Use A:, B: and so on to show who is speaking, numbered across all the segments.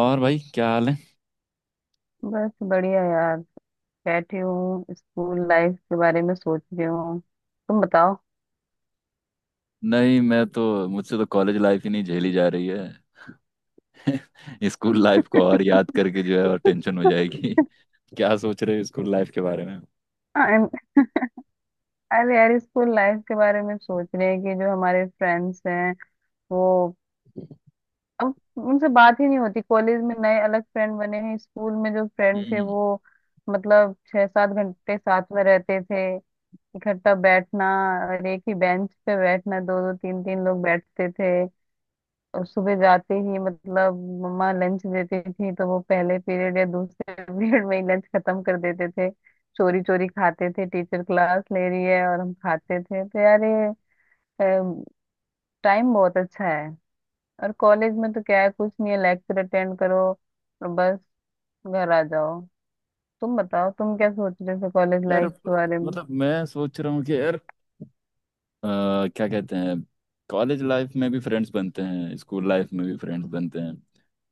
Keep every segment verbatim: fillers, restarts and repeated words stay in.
A: और भाई क्या हाल है।
B: बस बढ़िया यार। बैठी हूँ स्कूल लाइफ के बारे में सोच रही हूँ। तुम बताओ।
A: नहीं मैं तो मुझसे तो कॉलेज लाइफ ही नहीं झेली जा रही है स्कूल लाइफ को और याद करके जो है और टेंशन हो जाएगी क्या सोच रहे हो स्कूल लाइफ के बारे में?
B: I'm- अरे यार स्कूल लाइफ के बारे में सोच रहे हैं कि जो हमारे फ्रेंड्स हैं वो अब उनसे बात ही नहीं होती। कॉलेज में नए अलग फ्रेंड बने हैं। स्कूल में जो फ्रेंड थे
A: हम्म
B: वो मतलब छह सात घंटे साथ में रहते थे। इकट्ठा बैठना और एक ही बेंच पे बैठना, दो दो तीन तीन लोग बैठते थे। और सुबह जाते ही मतलब मम्मा लंच देती थी तो वो पहले पीरियड या दूसरे पीरियड में ही लंच खत्म कर देते थे। चोरी चोरी खाते थे, टीचर क्लास ले रही है और हम खाते थे। तो यार ये टाइम बहुत अच्छा है। और कॉलेज में तो क्या है, कुछ नहीं है। लेक्चर अटेंड करो और बस घर आ जाओ। तुम बताओ, तुम क्या सोच रहे थे कॉलेज
A: यार
B: लाइफ के बारे में?
A: मतलब मैं सोच रहा हूँ कि यार अ, क्या कहते हैं। कॉलेज लाइफ में भी फ्रेंड्स बनते हैं, स्कूल लाइफ में भी फ्रेंड्स बनते हैं।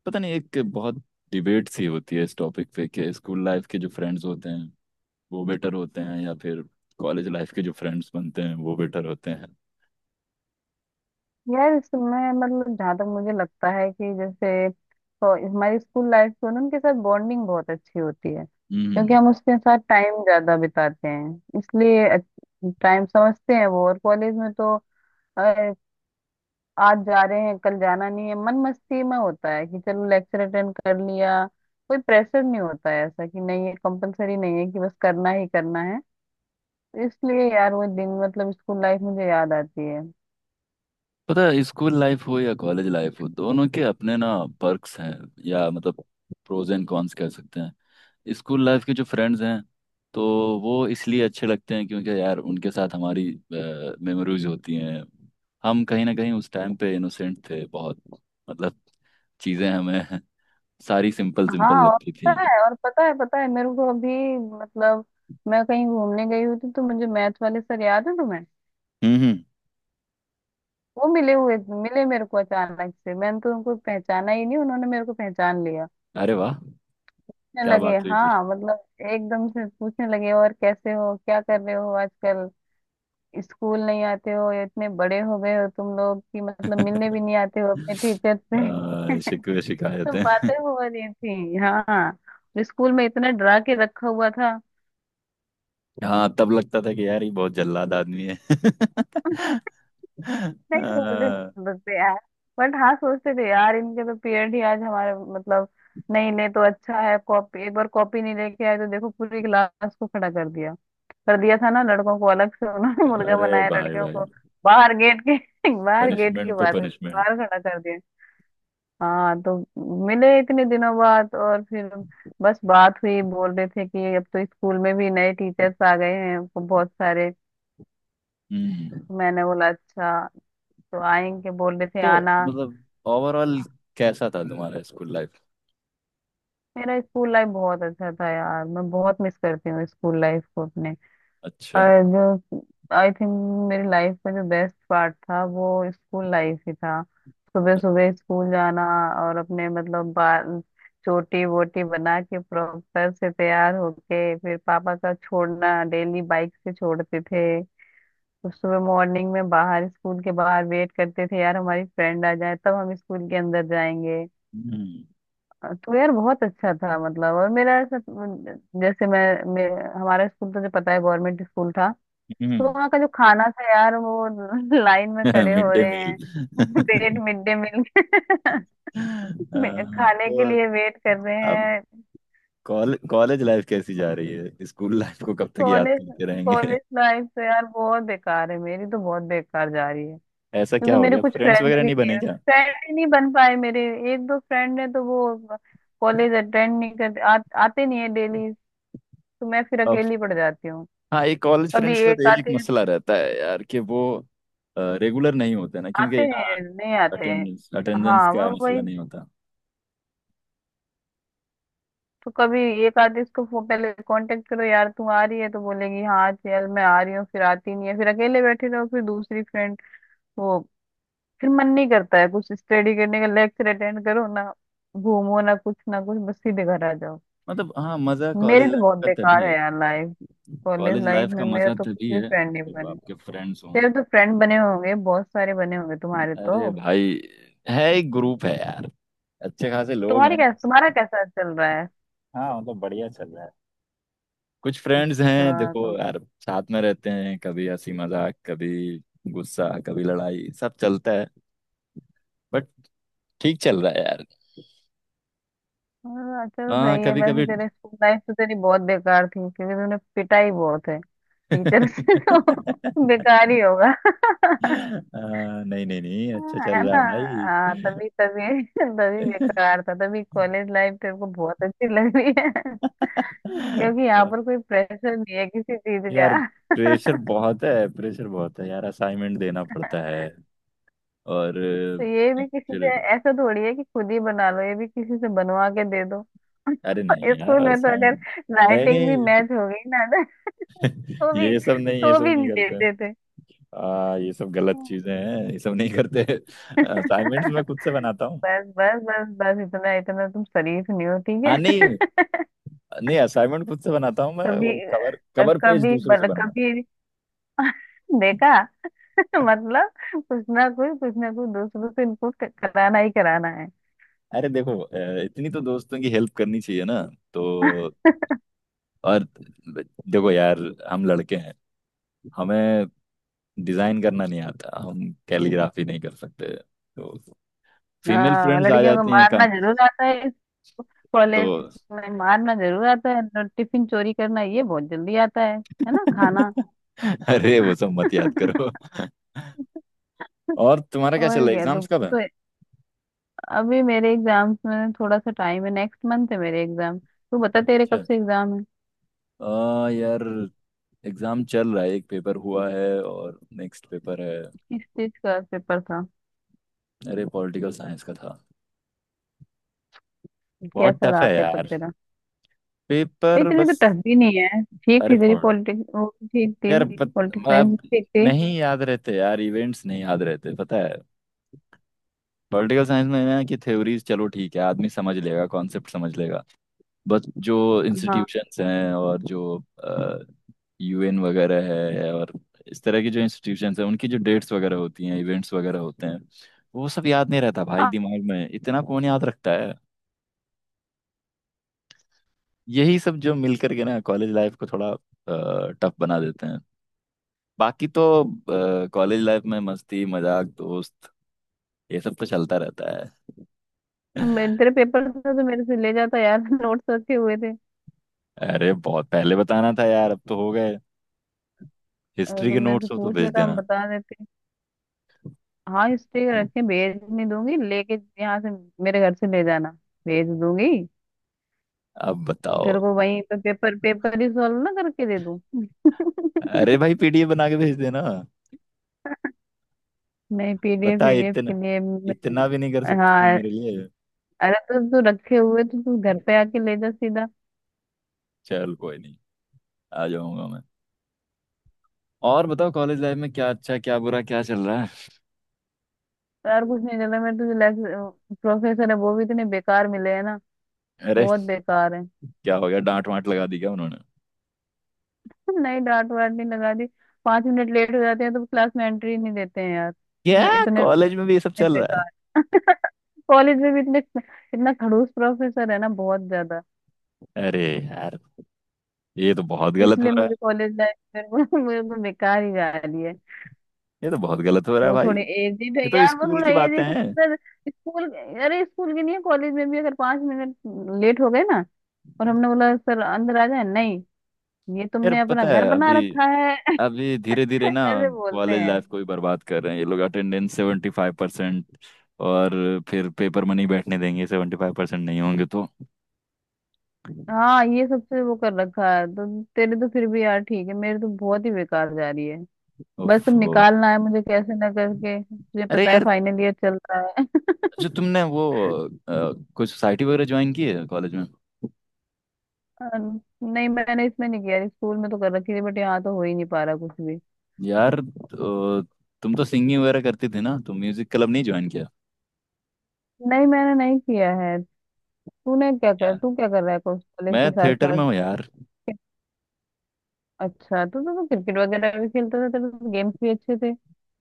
A: पता नहीं, एक बहुत डिबेट सी होती है इस टॉपिक पे कि स्कूल लाइफ के जो फ्रेंड्स होते हैं वो बेटर होते हैं या फिर कॉलेज लाइफ के जो फ्रेंड्स बनते हैं वो बेटर होते हैं।
B: यार इसमें मतलब जहाँ तक मुझे लगता है कि जैसे तो हमारी स्कूल लाइफ में ना उनके साथ बॉन्डिंग बहुत अच्छी होती है क्योंकि
A: हम्म
B: हम उसके साथ टाइम ज्यादा बिताते हैं, इसलिए टाइम समझते हैं वो। और कॉलेज में तो अ, आज जा रहे हैं कल जाना नहीं है, मन मस्ती में होता है कि चलो लेक्चर अटेंड कर लिया। कोई प्रेशर नहीं होता है ऐसा कि नहीं ये कंपलसरी नहीं है कि बस करना ही करना है। तो इसलिए यार वो दिन मतलब स्कूल लाइफ मुझे याद आती है।
A: पता है स्कूल लाइफ हो या कॉलेज लाइफ हो, दोनों के अपने ना पर्क्स हैं। या मतलब प्रोज एंड कॉन्स कह सकते हैं। स्कूल लाइफ के जो फ्रेंड्स हैं, तो वो इसलिए अच्छे लगते हैं क्योंकि यार उनके साथ हमारी मेमोरीज होती हैं। हम कहीं ना कहीं उस टाइम पे इनोसेंट थे बहुत, मतलब चीज़ें हमें सारी सिंपल
B: हाँ।
A: सिंपल
B: और
A: लगती थी।
B: पता है, और पता है पता है मेरे को अभी मतलब मैं कहीं घूमने गई हुई थी तो मुझे मैथ वाले सर याद है तुम्हें?
A: हम्म हम्म।
B: वो मिले हुए। मिले मेरे को अचानक से। मैंने तो उनको पहचाना ही नहीं, उन्होंने मेरे को पहचान लिया।
A: अरे वाह।
B: पूछने
A: क्या
B: लगे
A: बात हुई फिर?
B: हाँ मतलब एकदम से पूछने लगे, और कैसे हो क्या कर रहे हो आजकल, स्कूल नहीं आते हो, या इतने बड़े हो गए हो तुम लोग कि मतलब मिलने भी नहीं आते हो अपने टीचर से।
A: अ, शिकवे
B: ये सब
A: शिकायतें।
B: बातें हो रही थी। हाँ, स्कूल में इतना डरा के रखा हुआ था।
A: हाँ, तब लगता था कि यार ये बहुत जल्लाद आदमी है
B: नहीं मुझे
A: अ,
B: नहीं बताते यार। बट हाँ सोचते थे यार, इनके तो पीरियड ही आज हमारे मतलब नहीं ले तो अच्छा है। कॉपी, एक बार कॉपी नहीं लेके आए तो देखो पूरी क्लास को खड़ा कर दिया। कर दिया था ना। लड़कों को अलग से उन्होंने मुर्गा
A: अरे
B: बनाया,
A: भाई
B: लड़कियों
A: भाई।
B: को बाहर गेट के बाहर, गेट के
A: पनिशमेंट पे
B: बाहर
A: पनिशमेंट।
B: बाहर खड़ा कर दिया। हाँ तो मिले इतने दिनों बाद और फिर बस बात हुई। बोल रहे थे कि अब तो स्कूल में भी नए टीचर्स आ गए हैं बहुत सारे।
A: हम्म
B: मैंने बोला अच्छा। तो आएंगे बोल रहे थे
A: तो
B: आना।
A: मतलब ओवरऑल कैसा था तुम्हारा स्कूल लाइफ?
B: मेरा स्कूल लाइफ बहुत अच्छा था यार। मैं बहुत मिस करती हूँ स्कूल लाइफ को अपने।
A: अच्छा।
B: और जो आई थिंक मेरी लाइफ का जो बेस्ट पार्ट था वो स्कूल लाइफ ही था। सुबह सुबह स्कूल जाना और अपने मतलब बाल चोटी वोटी बना के प्रॉपर से तैयार होके, फिर पापा का छोड़ना, डेली बाइक से छोड़ते थे। तो सुबह मॉर्निंग में बाहर स्कूल के बाहर वेट करते थे यार हमारी फ्रेंड आ जाए तब हम स्कूल के अंदर जाएंगे।
A: हम्म
B: तो यार बहुत अच्छा था मतलब। और मेरा ऐसा, जैसे मैं, मैं हमारा स्कूल तो जो पता है गवर्नमेंट स्कूल था। तो वहाँ का जो खाना था यार वो लाइन में खड़े
A: मिड
B: हो
A: डे
B: रहे
A: मील
B: हैं। वेट मिड डे मील खाने के
A: तो
B: लिए वेट कर रहे
A: अब
B: हैं।
A: कॉलेज कॉलेज लाइफ कैसी जा रही है? स्कूल लाइफ को कब तक याद
B: कॉलेज
A: करते रहेंगे?
B: कॉलेज लाइफ तो यार बहुत बेकार है। मेरी तो बहुत बेकार जा रही है।
A: ऐसा क्या
B: क्योंकि
A: हो
B: मेरे
A: गया?
B: कुछ
A: फ्रेंड्स
B: फ्रेंड्स
A: वगैरह
B: भी
A: नहीं बने?
B: नहीं, फ्रेंड ही नहीं बन पाए मेरे। एक दो फ्रेंड है तो वो कॉलेज अटेंड नहीं करते। आ, आते नहीं है डेली। तो मैं फिर
A: क्या।
B: अकेली पड़ जाती।
A: हाँ, ये कॉलेज
B: कभी
A: फ्रेंड्स का तो
B: एक
A: एक
B: आधे
A: मसला रहता है यार कि वो रेगुलर नहीं होते ना, क्योंकि
B: आते
A: यहाँ
B: हैं नहीं आते हैं।
A: अटेंडेंस अटेंडेंस
B: हाँ
A: का
B: वो
A: मसला
B: वही।
A: नहीं होता।
B: तो कभी एक आधे इसको फो- पहले कांटेक्ट करो यार, तू आ रही है तो बोलेगी हाँ चल मैं आ रही हूँ, फिर आती नहीं है, फिर अकेले बैठे रहो, फिर दूसरी फ्रेंड वो, फिर मन नहीं करता है कुछ स्टडी करने का। लेक्चर अटेंड करो ना, घूमो ना, कुछ ना कुछ, बस सीधे घर आ जाओ।
A: मतलब हाँ, मज़ा
B: मेरी
A: कॉलेज
B: तो
A: लाइफ
B: बहुत
A: का तभी
B: बेकार है
A: है।
B: यार life. College
A: college
B: life
A: life का
B: में मेरा
A: मज़ा
B: तो कुछ
A: तभी
B: भी
A: है
B: फ्रेंड नहीं
A: जब
B: बने।
A: आपके फ्रेंड्स हों।
B: तेरे तो फ्रेंड बने होंगे, बहुत सारे बने होंगे तुम्हारे
A: अरे
B: तो।
A: भाई, है, एक ग्रुप है यार, अच्छे खासे
B: तो
A: लोग
B: तुम्हारी
A: हैं।
B: कैसा तुम्हारा कैसा चल रहा है?
A: हाँ, मतलब बढ़िया चल रहा है। कुछ फ्रेंड्स हैं,
B: अच्छा,
A: देखो
B: तो
A: यार, साथ में रहते हैं, कभी हंसी मजाक, कभी गुस्सा, कभी लड़ाई, सब चलता है। बट ठीक चल रहा है यार।
B: हाँ, चलो
A: हाँ,
B: सही है।
A: कभी
B: वैसे
A: कभी
B: तेरे स्कूल लाइफ तो तेरी बहुत बेकार थी क्योंकि तूने पिटा ही बहुत है टीचर से, तो बेकार ही होगा।
A: आ, नहीं नहीं नहीं, अच्छा
B: हाँ, है
A: चल रहा
B: ना।
A: है भाई।
B: हाँ तभी तभी तभी बेकार था तभी कॉलेज लाइफ तेरे को बहुत अच्छी लग रही है। क्योंकि यहाँ
A: और
B: पर कोई प्रेशर नहीं है किसी चीज
A: यार, प्रेशर
B: का।
A: बहुत है, प्रेशर बहुत है यार, असाइनमेंट देना पड़ता है। और
B: तो ये भी किसी
A: फिर
B: से, ऐसा थोड़ी है कि खुद ही बना लो, ये भी किसी से बनवा के दे दो।
A: अरे नहीं यार,
B: स्कूल में तो अगर
A: असाइनमेंट नहीं
B: राइटिंग भी
A: नहीं,
B: मैच हो गई ना तो भी
A: ये सब नहीं ये
B: तो
A: सब
B: भी
A: नहीं
B: नहीं
A: करते।
B: देते थे।
A: आ, ये सब गलत
B: हम्म।
A: चीजें हैं, ये सब नहीं करते। असाइनमेंट्स मैं खुद से बनाता हूँ।
B: बस बस बस बस, इतना इतना तुम शरीफ नहीं हो, ठीक
A: हाँ
B: है।
A: नहीं, नहीं असाइनमेंट खुद से बनाता हूँ मैं,
B: कभी
A: वो कवर कवर पेज
B: कभी
A: दूसरों से।
B: बल कभी देखा। मतलब कुछ ना कुछ कुछ ना कुछ दूसरों से इनको कराना ही कराना है।
A: अरे देखो अ, इतनी तो दोस्तों की हेल्प करनी चाहिए ना। तो और देखो यार, हम लड़के हैं, हमें डिजाइन करना नहीं आता, हम कैलीग्राफी नहीं कर सकते, तो फीमेल
B: हाँ
A: फ्रेंड्स आ
B: लड़कियों को
A: जाती हैं काम।
B: मारना जरूर आता है, कॉलेज
A: तो
B: में मारना जरूर आता है, और टिफिन चोरी करना ये बहुत जल्दी आता है है ना, खाना।
A: अरे, वो सब मत याद करो। और तुम्हारा क्या चल
B: और
A: रहा है?
B: क्या,
A: एग्जाम्स
B: तो,
A: कब है?
B: तो अभी मेरे एग्जाम्स में थोड़ा सा टाइम है। नेक्स्ट मंथ है मेरे एग्जाम। तू बता तेरे कब
A: अच्छा
B: से एग्जाम है?
A: आ, यार एग्जाम चल रहा है, एक पेपर हुआ है और नेक्स्ट पेपर है।
B: किस चीज का पेपर था?
A: अरे पॉलिटिकल साइंस का था। बहुत
B: कैसा
A: टफ
B: रहा
A: है
B: पेपर
A: यार।
B: तेरा? भाई
A: पेपर
B: इतनी तो
A: बस।
B: टफ भी नहीं है, ठीक
A: अरे
B: थी तेरी
A: पढ़
B: पॉलिटिक्स वो, ठीक थी।
A: यार, पत,
B: पॉलिटिक्स साइंस
A: अब
B: ठीक थी।
A: नहीं याद रहते यार, इवेंट्स नहीं याद रहते पता है। पॉलिटिकल साइंस में ना कि थ्योरीज चलो ठीक है, आदमी समझ लेगा, कॉन्सेप्ट समझ लेगा। बस जो
B: हाँ।
A: इंस्टीट्यूशंस हैं और जो यूएन वगैरह है और इस तरह की जो इंस्टीट्यूशंस हैं, उनकी जो डेट्स वगैरह होती हैं, इवेंट्स वगैरह होते हैं, वो सब याद नहीं रहता भाई,
B: हाँ,
A: दिमाग में इतना कौन याद रखता है। यही सब जो मिल करके ना कॉलेज लाइफ को थोड़ा टफ बना देते हैं। बाकी तो कॉलेज लाइफ में मस्ती मजाक दोस्त, ये सब तो चलता रहता है।
B: मेरे- तेरे पेपर था तो मेरे से ले जाता यार नोट्स रखे हुए।
A: अरे बहुत पहले बताना था यार, अब तो हो गए।
B: अगर
A: हिस्ट्री के
B: तुम मेरे से
A: नोट्स हो तो
B: पूछ
A: भेज
B: लेता हम
A: देना।
B: बता देते। हाँ स्टे रखे, भेज नहीं दूंगी लेके, यहाँ से मेरे घर से ले जाना। भेज दूंगी।
A: अब
B: तेरे
A: बताओ।
B: को वहीं पे पेपर पेपर ही सॉल्व ना करके दे दूं।
A: अरे भाई, पीडीएफ बना के भेज देना।
B: नहीं, पीडीएफ
A: बता,
B: पीडीएफ के
A: इतना,
B: लिए
A: इतना भी नहीं कर
B: मैं-
A: सकते तुम
B: हाँ।
A: मेरे लिए?
B: अरे तो तू रखे हुए तो तू घर पे आके ले जा सीधा।
A: चल कोई नहीं, आ जाऊंगा मैं। और बताओ, कॉलेज लाइफ में क्या अच्छा क्या बुरा क्या चल रहा है।
B: यार कुछ नहीं चला मेरे, तुझे लेक्चर प्रोफेसर है वो भी इतने बेकार मिले हैं ना।
A: अरे
B: बहुत बेकार है।
A: क्या हो गया? डांट वांट लगा दी क्या उन्होंने?
B: नहीं डांट वाट नहीं लगा दी। पांच मिनट लेट हो जाते हैं तो क्लास में एंट्री नहीं देते हैं यार
A: क्या,
B: इतने। नहीं,
A: कॉलेज में भी ये सब चल रहा है?
B: बेकार। कॉलेज में भी इतने, इतना खड़ूस प्रोफेसर है ना, बहुत ज्यादा।
A: अरे यार, ये तो बहुत
B: तो
A: गलत हो
B: इसलिए
A: रहा है।
B: मुझे कॉलेज लाइफ में वो- मुझे तो बेकार ही जा रही है।
A: ये तो बहुत गलत हो रहा है
B: वो
A: भाई।
B: थोड़े
A: ये
B: एजिड है
A: तो
B: यार, वो
A: स्कूल
B: थोड़ा
A: की बातें
B: एजिड
A: हैं।
B: है। स्कूल, अरे स्कूल के लिए कॉलेज में भी अगर पांच मिनट लेट हो गए ना, और हमने बोला सर अंदर आ जाए, नहीं, ये
A: यार
B: तुमने अपना
A: पता
B: घर
A: है,
B: बना
A: अभी
B: रखा है।
A: अभी धीरे धीरे ना
B: ऐसे बोलते
A: कॉलेज
B: हैं।
A: लाइफ को ही बर्बाद कर रहे हैं ये लोग। अटेंडेंस सेवेंटी फाइव परसेंट, और फिर पेपर मनी बैठने देंगे, सेवेंटी फाइव परसेंट नहीं होंगे तो।
B: हाँ ये सबसे वो कर रखा है। तो तेरे तो फिर भी यार ठीक है, मेरे तो बहुत ही बेकार जा रही है। बस
A: उफ,
B: तुम
A: वो।
B: निकालना है मुझे कैसे ना करके। तुझे
A: अरे
B: पता है
A: यार,
B: फाइनल ईयर चल रहा है।
A: जो तुमने वो अ, कोई सोसाइटी वगैरह ज्वाइन की है कॉलेज में?
B: अन- नहीं मैंने इसमें नहीं किया। स्कूल में तो कर रखी थी बट यहाँ तो हो ही नहीं पा रहा कुछ भी।
A: यार तो, तुम तो सिंगिंग वगैरह करती थी ना, तुम म्यूजिक क्लब नहीं ज्वाइन किया?
B: नहीं मैंने नहीं किया है। तूने क्या कर
A: यार
B: तू क्या कर रहा है कॉलेज
A: मैं
B: के साथ
A: थिएटर
B: साथ?
A: में हूँ यार।
B: अच्छा तू तो, तो क्रिकेट वगैरह भी खेलता था, तेरे तो गेम्स भी अच्छे थे।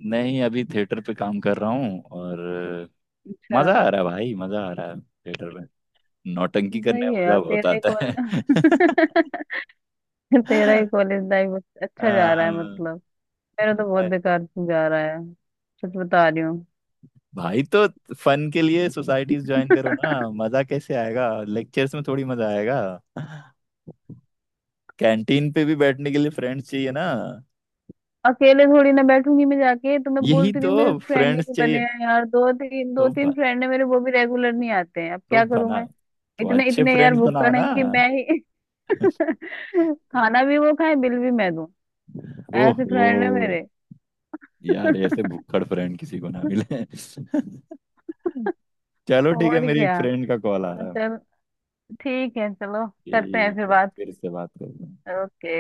A: नहीं अभी थिएटर पे काम कर रहा हूँ और अ,
B: अच्छा।
A: मजा आ रहा है भाई, मजा आ रहा है थिएटर। नौटंकी करने
B: सही
A: में
B: है यार,
A: मजा बहुत
B: तेरा ही
A: आता
B: कॉल,
A: है।
B: तेरा ही कॉलेज लाइफ
A: अ,
B: अच्छा जा रहा है मतलब। मेरा तो बहुत बेकार जा रहा है। सच बता रही
A: भाई, तो फन के लिए सोसाइटीज
B: हूँ।
A: ज्वाइन करो ना। मजा कैसे आएगा? लेक्चर्स में थोड़ी मजा आएगा? कैंटीन पे भी बैठने के लिए फ्रेंड्स चाहिए ना।
B: अकेले थोड़ी ना बैठूंगी मैं जाके, तो मैं
A: यही
B: बोलती रही
A: तो
B: हूँ मेरे फ्रेंड ही
A: फ्रेंड्स
B: नहीं बने
A: चाहिए,
B: हैं यार। दो तीन दो
A: तो ब,
B: तीन फ्रेंड है मेरे वो भी रेगुलर नहीं आते हैं। अब
A: तो
B: क्या करूं
A: बना
B: मैं?
A: तो
B: इतने
A: अच्छे
B: इतने यार
A: फ्रेंड्स बनाओ
B: भुक्कड़
A: ना।
B: है कि मैं ही खाना भी वो खाए, बिल भी मैं दूं। ऐसे
A: ओहो।
B: फ्रेंड है मेरे।
A: यार ऐसे भुक्खड़ फ्रेंड किसी को ना मिले चलो ठीक है,
B: और
A: मेरी एक
B: क्या।
A: फ्रेंड का कॉल आ रहा है।
B: चल, ठीक है, चलो। करते हैं फिर
A: ठीक है,
B: बात।
A: फिर से बात करते हैं।
B: ओके।